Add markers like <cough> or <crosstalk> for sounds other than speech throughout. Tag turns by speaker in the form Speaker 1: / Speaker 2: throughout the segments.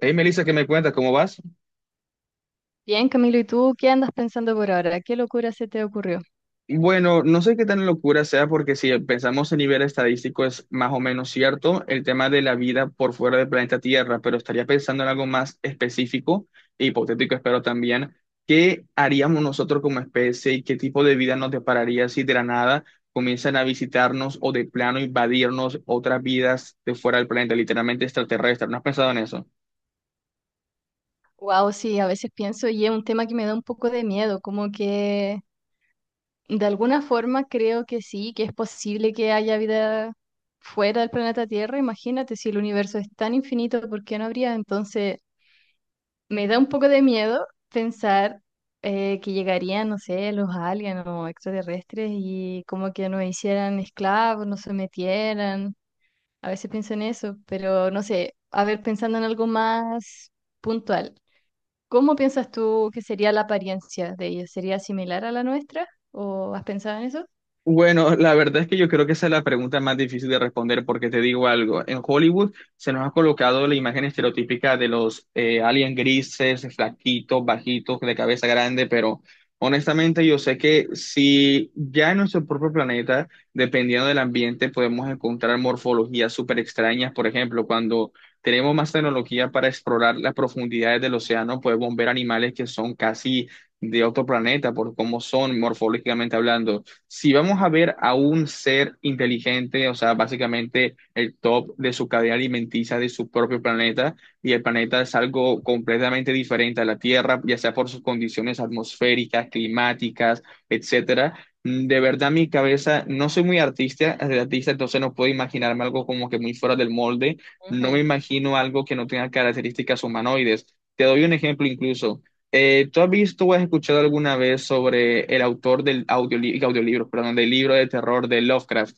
Speaker 1: Hey, Melissa, ¿qué me cuentas? ¿Cómo vas?
Speaker 2: Bien, Camilo, ¿y tú qué andas pensando por ahora? ¿Qué locura se te ocurrió?
Speaker 1: Bueno, no sé qué tan locura sea porque si pensamos en nivel estadístico es más o menos cierto el tema de la vida por fuera del planeta Tierra, pero estaría pensando en algo más específico e hipotético, espero también. ¿Qué haríamos nosotros como especie y qué tipo de vida nos depararía si de la nada comienzan a visitarnos o de plano invadirnos otras vidas de fuera del planeta, literalmente extraterrestres? ¿No has pensado en eso?
Speaker 2: Wow, sí, a veces pienso y es un tema que me da un poco de miedo, como que de alguna forma creo que sí, que es posible que haya vida fuera del planeta Tierra. Imagínate, si el universo es tan infinito, ¿por qué no habría? Entonces, me da un poco de miedo pensar que llegarían, no sé, los aliens o extraterrestres y como que nos hicieran esclavos, nos sometieran. A veces pienso en eso, pero no sé, a ver, pensando en algo más puntual, ¿cómo piensas tú que sería la apariencia de ellos? ¿Sería similar a la nuestra? ¿O has pensado en eso?
Speaker 1: Bueno, la verdad es que yo creo que esa es la pregunta más difícil de responder porque te digo algo, en Hollywood se nos ha colocado la imagen estereotípica de los aliens grises, flaquitos, bajitos, de cabeza grande, pero honestamente yo sé que si ya en nuestro propio planeta, dependiendo del ambiente, podemos encontrar morfologías súper extrañas, por ejemplo, cuando tenemos más tecnología para explorar las profundidades del océano, podemos ver animales que son casi de otro planeta por cómo son morfológicamente hablando si vamos a ver a un ser inteligente, o sea, básicamente el top de su cadena alimenticia de su propio planeta, y el planeta es algo completamente diferente a la Tierra, ya sea por sus condiciones atmosféricas, climáticas, etcétera. De verdad, mi cabeza, no soy muy artista, artista, entonces no puedo imaginarme algo como que muy fuera del molde. No me
Speaker 2: Ujú.
Speaker 1: imagino algo que no tenga características humanoides. Te doy un ejemplo incluso. ¿Tú has visto o has escuchado alguna vez sobre el autor del audiolibro, perdón, del libro de terror de Lovecraft?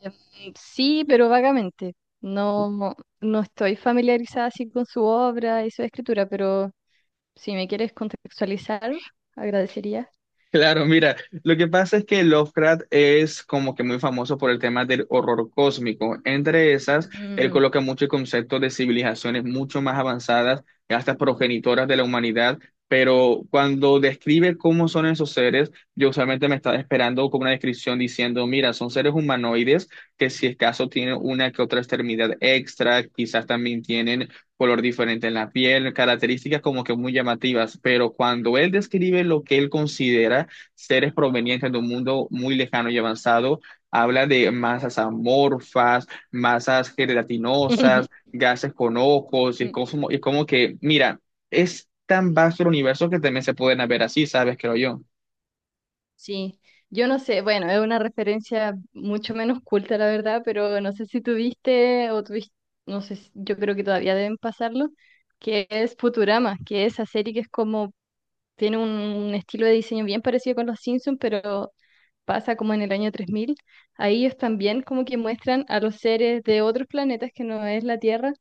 Speaker 2: Sí, pero vagamente. No, no, no estoy familiarizada así con su obra y su escritura, pero si me quieres contextualizar, agradecería.
Speaker 1: Claro, mira, lo que pasa es que Lovecraft es como que muy famoso por el tema del horror cósmico. Entre esas, él
Speaker 2: Mm.
Speaker 1: coloca muchos conceptos de civilizaciones mucho más avanzadas, hasta progenitoras de la humanidad, pero cuando describe cómo son esos seres, yo usualmente me estaba esperando como una descripción diciendo, mira, son seres humanoides que si es caso tienen una que otra extremidad extra, quizás también tienen color diferente en la piel, características como que muy llamativas, pero cuando él describe lo que él considera seres provenientes de un mundo muy lejano y avanzado, habla de masas amorfas, masas gelatinosas,
Speaker 2: <laughs>
Speaker 1: gases con ojos, y es como que, mira, es tan vasto el universo que también se pueden ver así, ¿sabes? Creo yo.
Speaker 2: Sí, yo no sé, bueno, es una referencia mucho menos culta, la verdad, pero no sé si tuviste o tuviste, no sé, yo creo que todavía deben pasarlo, que es Futurama, que es esa serie que es como, tiene un estilo de diseño bien parecido con los Simpsons, pero pasa como en el año 3000. Ahí ellos también como que muestran a los seres de otros planetas que no es la Tierra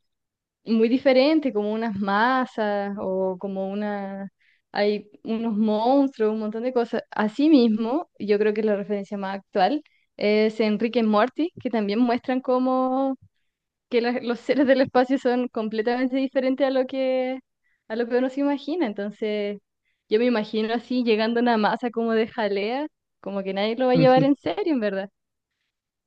Speaker 2: muy diferente, como unas masas o como una... Hay unos monstruos, un montón de cosas. Asimismo, yo creo que la referencia más actual es Enrique y Morty, que también muestran cómo que los seres del espacio son completamente diferentes a lo que uno se imagina. Entonces, yo me imagino así llegando a una masa como de jalea, como que nadie lo va a llevar en serio, en verdad.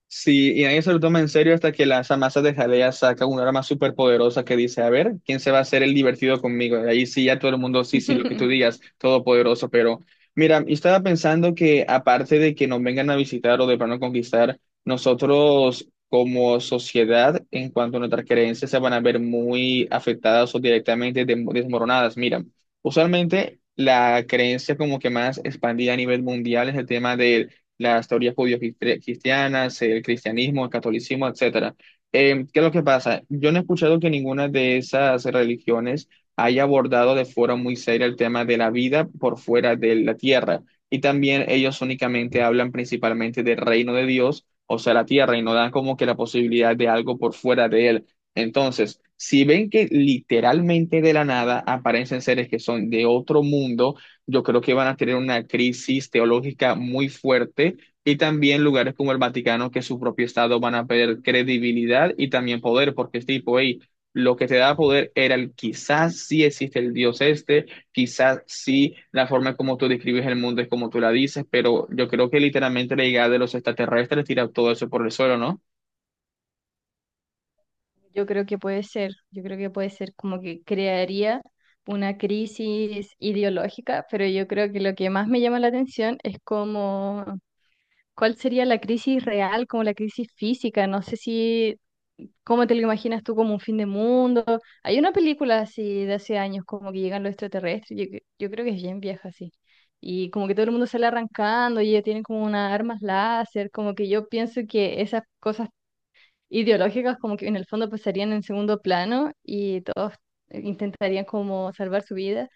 Speaker 1: Sí, y nadie se lo toma en serio hasta que las amasas de jalea saca una arma súper poderosa que dice, a ver, ¿quién se va a hacer el divertido conmigo? Y ahí sí, ya todo el mundo, sí, sí, lo que tú digas,
Speaker 2: <laughs>
Speaker 1: todopoderoso, pero mira, yo estaba pensando que aparte de que nos vengan a visitar o de plano conquistar, nosotros como sociedad, en cuanto a nuestras creencias, se van a ver muy afectadas o directamente desmoronadas. Mira, usualmente la creencia como que más expandida a nivel mundial es el tema las teorías judío-cristianas, el cristianismo, el catolicismo, etcétera. ¿Qué es lo que pasa? Yo no he escuchado que ninguna de esas religiones haya abordado de forma muy seria el tema de la vida por fuera de la tierra. Y también ellos únicamente hablan principalmente del reino de Dios, o sea, la tierra, y no dan como que la posibilidad de algo por fuera de él. Entonces, si ven que literalmente de la nada aparecen seres que son de otro mundo, yo creo que van a tener una crisis teológica muy fuerte y también lugares como el Vaticano, que su propio Estado van a perder credibilidad y también poder, porque es tipo, hey, lo que te da poder era el quizás sí existe el Dios este, quizás sí la forma como tú describes el mundo es como tú la dices, pero yo creo que literalmente la llegada de los extraterrestres tira todo eso por el suelo, ¿no?
Speaker 2: Yo creo que puede ser, yo creo que puede ser como que crearía una crisis ideológica, pero yo creo que lo que más me llama la atención es como, ¿cuál sería la crisis real, como la crisis física? No sé si, ¿cómo te lo imaginas tú como un fin de mundo? Hay una película así de hace años, como que llegan los extraterrestres, yo creo que es bien vieja así. Y como que todo el mundo sale arrancando y ellos tienen como unas armas láser, como que yo pienso que esas cosas ideológicas como que en el fondo pasarían en segundo plano y todos intentarían como salvar su vida,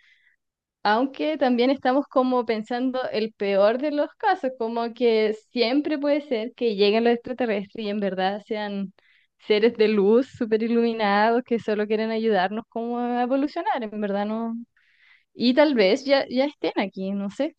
Speaker 2: aunque también estamos como pensando el peor de los casos, como que siempre puede ser que lleguen los extraterrestres y en verdad sean seres de luz súper iluminados que solo quieren ayudarnos como a evolucionar, en verdad no. Y tal vez ya, ya estén aquí, no sé.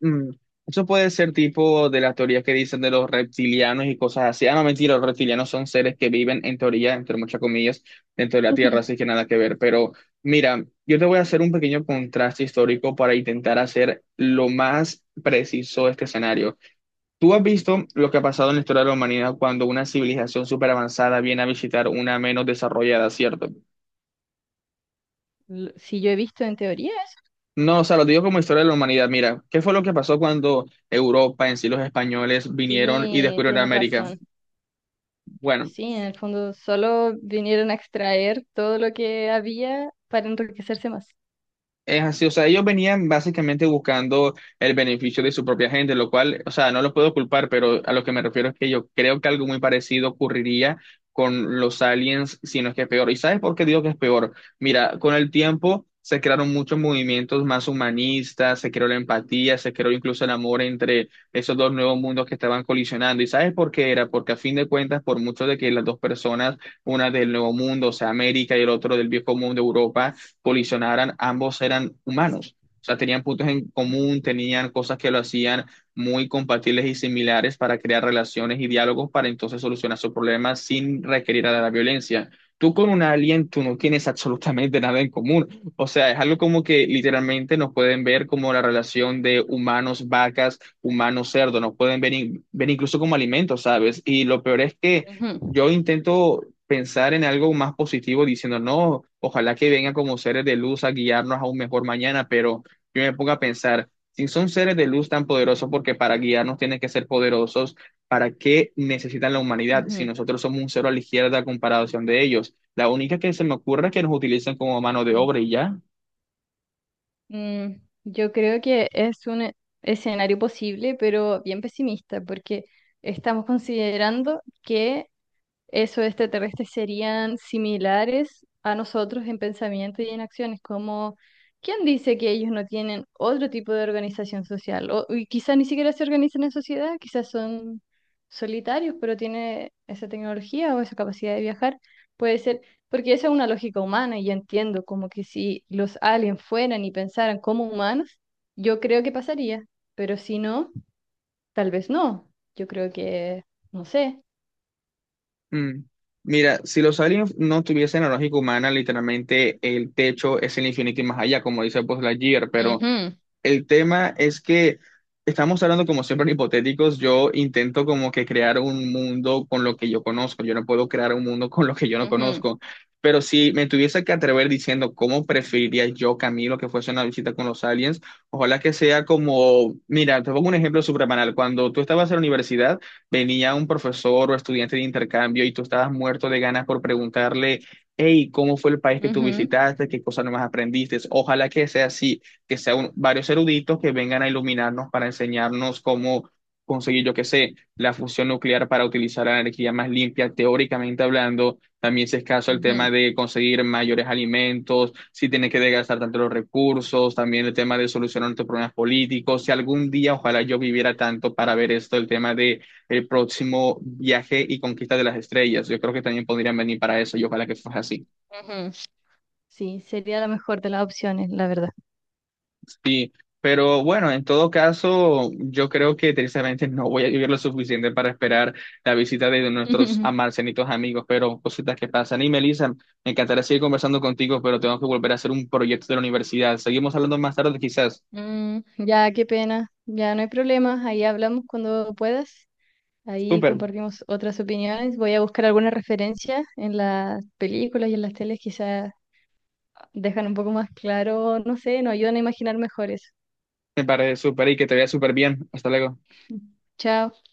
Speaker 1: Mm, Eso puede ser tipo de las teorías que dicen de los reptilianos y cosas así. Ah, no, mentira, los reptilianos son seres que viven en teoría, entre muchas comillas, dentro de la Tierra, así
Speaker 2: <laughs>
Speaker 1: que nada que ver. Pero mira, yo te voy a hacer un pequeño contraste histórico para intentar hacer lo más preciso este escenario. Tú has visto lo que ha pasado en la historia de la humanidad cuando una civilización súper avanzada viene a visitar una menos desarrollada, ¿cierto?
Speaker 2: Si yo he visto en teoría,
Speaker 1: No, o sea, lo digo como historia de la humanidad. Mira, ¿qué fue lo que pasó cuando Europa, en sí los españoles, vinieron y
Speaker 2: sí,
Speaker 1: descubrieron
Speaker 2: tienes
Speaker 1: América?
Speaker 2: razón.
Speaker 1: Bueno,
Speaker 2: Sí, en el fondo solo vinieron a extraer todo lo que había para enriquecerse más.
Speaker 1: es así, o sea, ellos venían básicamente buscando el beneficio de su propia gente, lo cual, o sea, no los puedo culpar, pero a lo que me refiero es que yo creo que algo muy parecido ocurriría con los aliens, si no es que es peor. ¿Y sabes por qué digo que es peor? Mira, con el tiempo se crearon muchos movimientos más humanistas, se creó la empatía, se creó incluso el amor entre esos dos nuevos mundos que estaban colisionando. ¿Y sabes por qué era? Porque a fin de cuentas, por mucho de que las dos personas, una del nuevo mundo, o sea, América y el otro del viejo mundo, Europa, colisionaran, ambos eran humanos. O sea, tenían puntos en común, tenían cosas que lo hacían muy compatibles y similares para crear relaciones y diálogos para entonces solucionar sus problemas sin requerir a la violencia. Tú con un alien, tú no tienes absolutamente nada en común. O sea, es algo como que literalmente nos pueden ver como la relación de humanos, vacas, humanos, cerdo. Nos pueden ver, ver incluso como alimentos, ¿sabes? Y lo peor es que
Speaker 2: Ujú,
Speaker 1: yo intento pensar en algo más positivo diciendo, no, ojalá que vengan como seres de luz a guiarnos a un mejor mañana, pero yo me pongo a pensar, si son seres de luz tan poderosos, porque para guiarnos tienen que ser poderosos, ¿para qué necesitan la humanidad si
Speaker 2: ujú.
Speaker 1: nosotros somos un cero a la izquierda a comparación de ellos? La única que se me ocurre es que nos utilizan como mano de
Speaker 2: Sí.
Speaker 1: obra y ya.
Speaker 2: Mm, yo creo que es un escenario posible, pero bien pesimista, porque estamos considerando que esos extraterrestres serían similares a nosotros en pensamiento y en acciones, como ¿quién dice que ellos no tienen otro tipo de organización social? O, y quizás ni siquiera se organizan en sociedad, quizás son solitarios, pero tienen esa tecnología o esa capacidad de viajar. Puede ser, porque esa es una lógica humana y yo entiendo como que si los aliens fueran y pensaran como humanos, yo creo que pasaría, pero si no, tal vez no. Yo creo que, no sé.
Speaker 1: Mm. Mira, si los aliens no tuviesen la lógica humana, literalmente el techo es el infinito y más allá, como dice pues Lightyear, pero
Speaker 2: Ujú,
Speaker 1: el tema es que estamos hablando como siempre en hipotéticos. Yo intento como que crear un mundo con lo que yo conozco. Yo no puedo crear un mundo <laughs> con lo que yo no
Speaker 2: ujú.
Speaker 1: conozco. Pero si me tuviese que atrever diciendo cómo preferiría yo, Camilo, que fuese una visita con los aliens, ojalá que sea como, mira, te pongo un ejemplo súper banal. Cuando tú estabas en la universidad, venía un profesor o estudiante de intercambio y tú estabas muerto de ganas por preguntarle, hey, ¿cómo fue el país que tú
Speaker 2: Ujú,
Speaker 1: visitaste? ¿Qué cosas nomás aprendiste? Ojalá que sea así, que sean varios eruditos que vengan a iluminarnos para enseñarnos cómo conseguir, yo qué sé, la fusión nuclear para utilizar la energía más limpia, teóricamente hablando. También si es caso el tema
Speaker 2: ujú,
Speaker 1: de conseguir mayores alimentos, si tienes que desgastar tanto los recursos, también el tema de solucionar tus problemas políticos. Si algún día, ojalá yo viviera tanto para ver esto, el tema de el próximo viaje y conquista de las estrellas. Yo creo que también podrían venir para eso y ojalá que fuese así.
Speaker 2: ujú. Sí, sería la mejor de las opciones, la verdad.
Speaker 1: Sí, pero bueno, en todo caso, yo creo que tristemente no voy a vivir lo suficiente para esperar la visita de nuestros
Speaker 2: <laughs>
Speaker 1: amarcenitos amigos, pero cositas que pasan. Y Melissa, me encantaría seguir conversando contigo, pero tengo que volver a hacer un proyecto de la universidad. Seguimos hablando más tarde, quizás.
Speaker 2: Mm, ya, qué pena. Ya no hay problema. Ahí hablamos cuando puedas. Ahí
Speaker 1: Súper,
Speaker 2: compartimos otras opiniones. Voy a buscar alguna referencia en las películas y en las teles. Quizás dejan un poco más claro, no sé, nos ayudan a imaginar mejor eso.
Speaker 1: me parece súper y que te vea súper bien. Hasta luego.
Speaker 2: <laughs> Chao.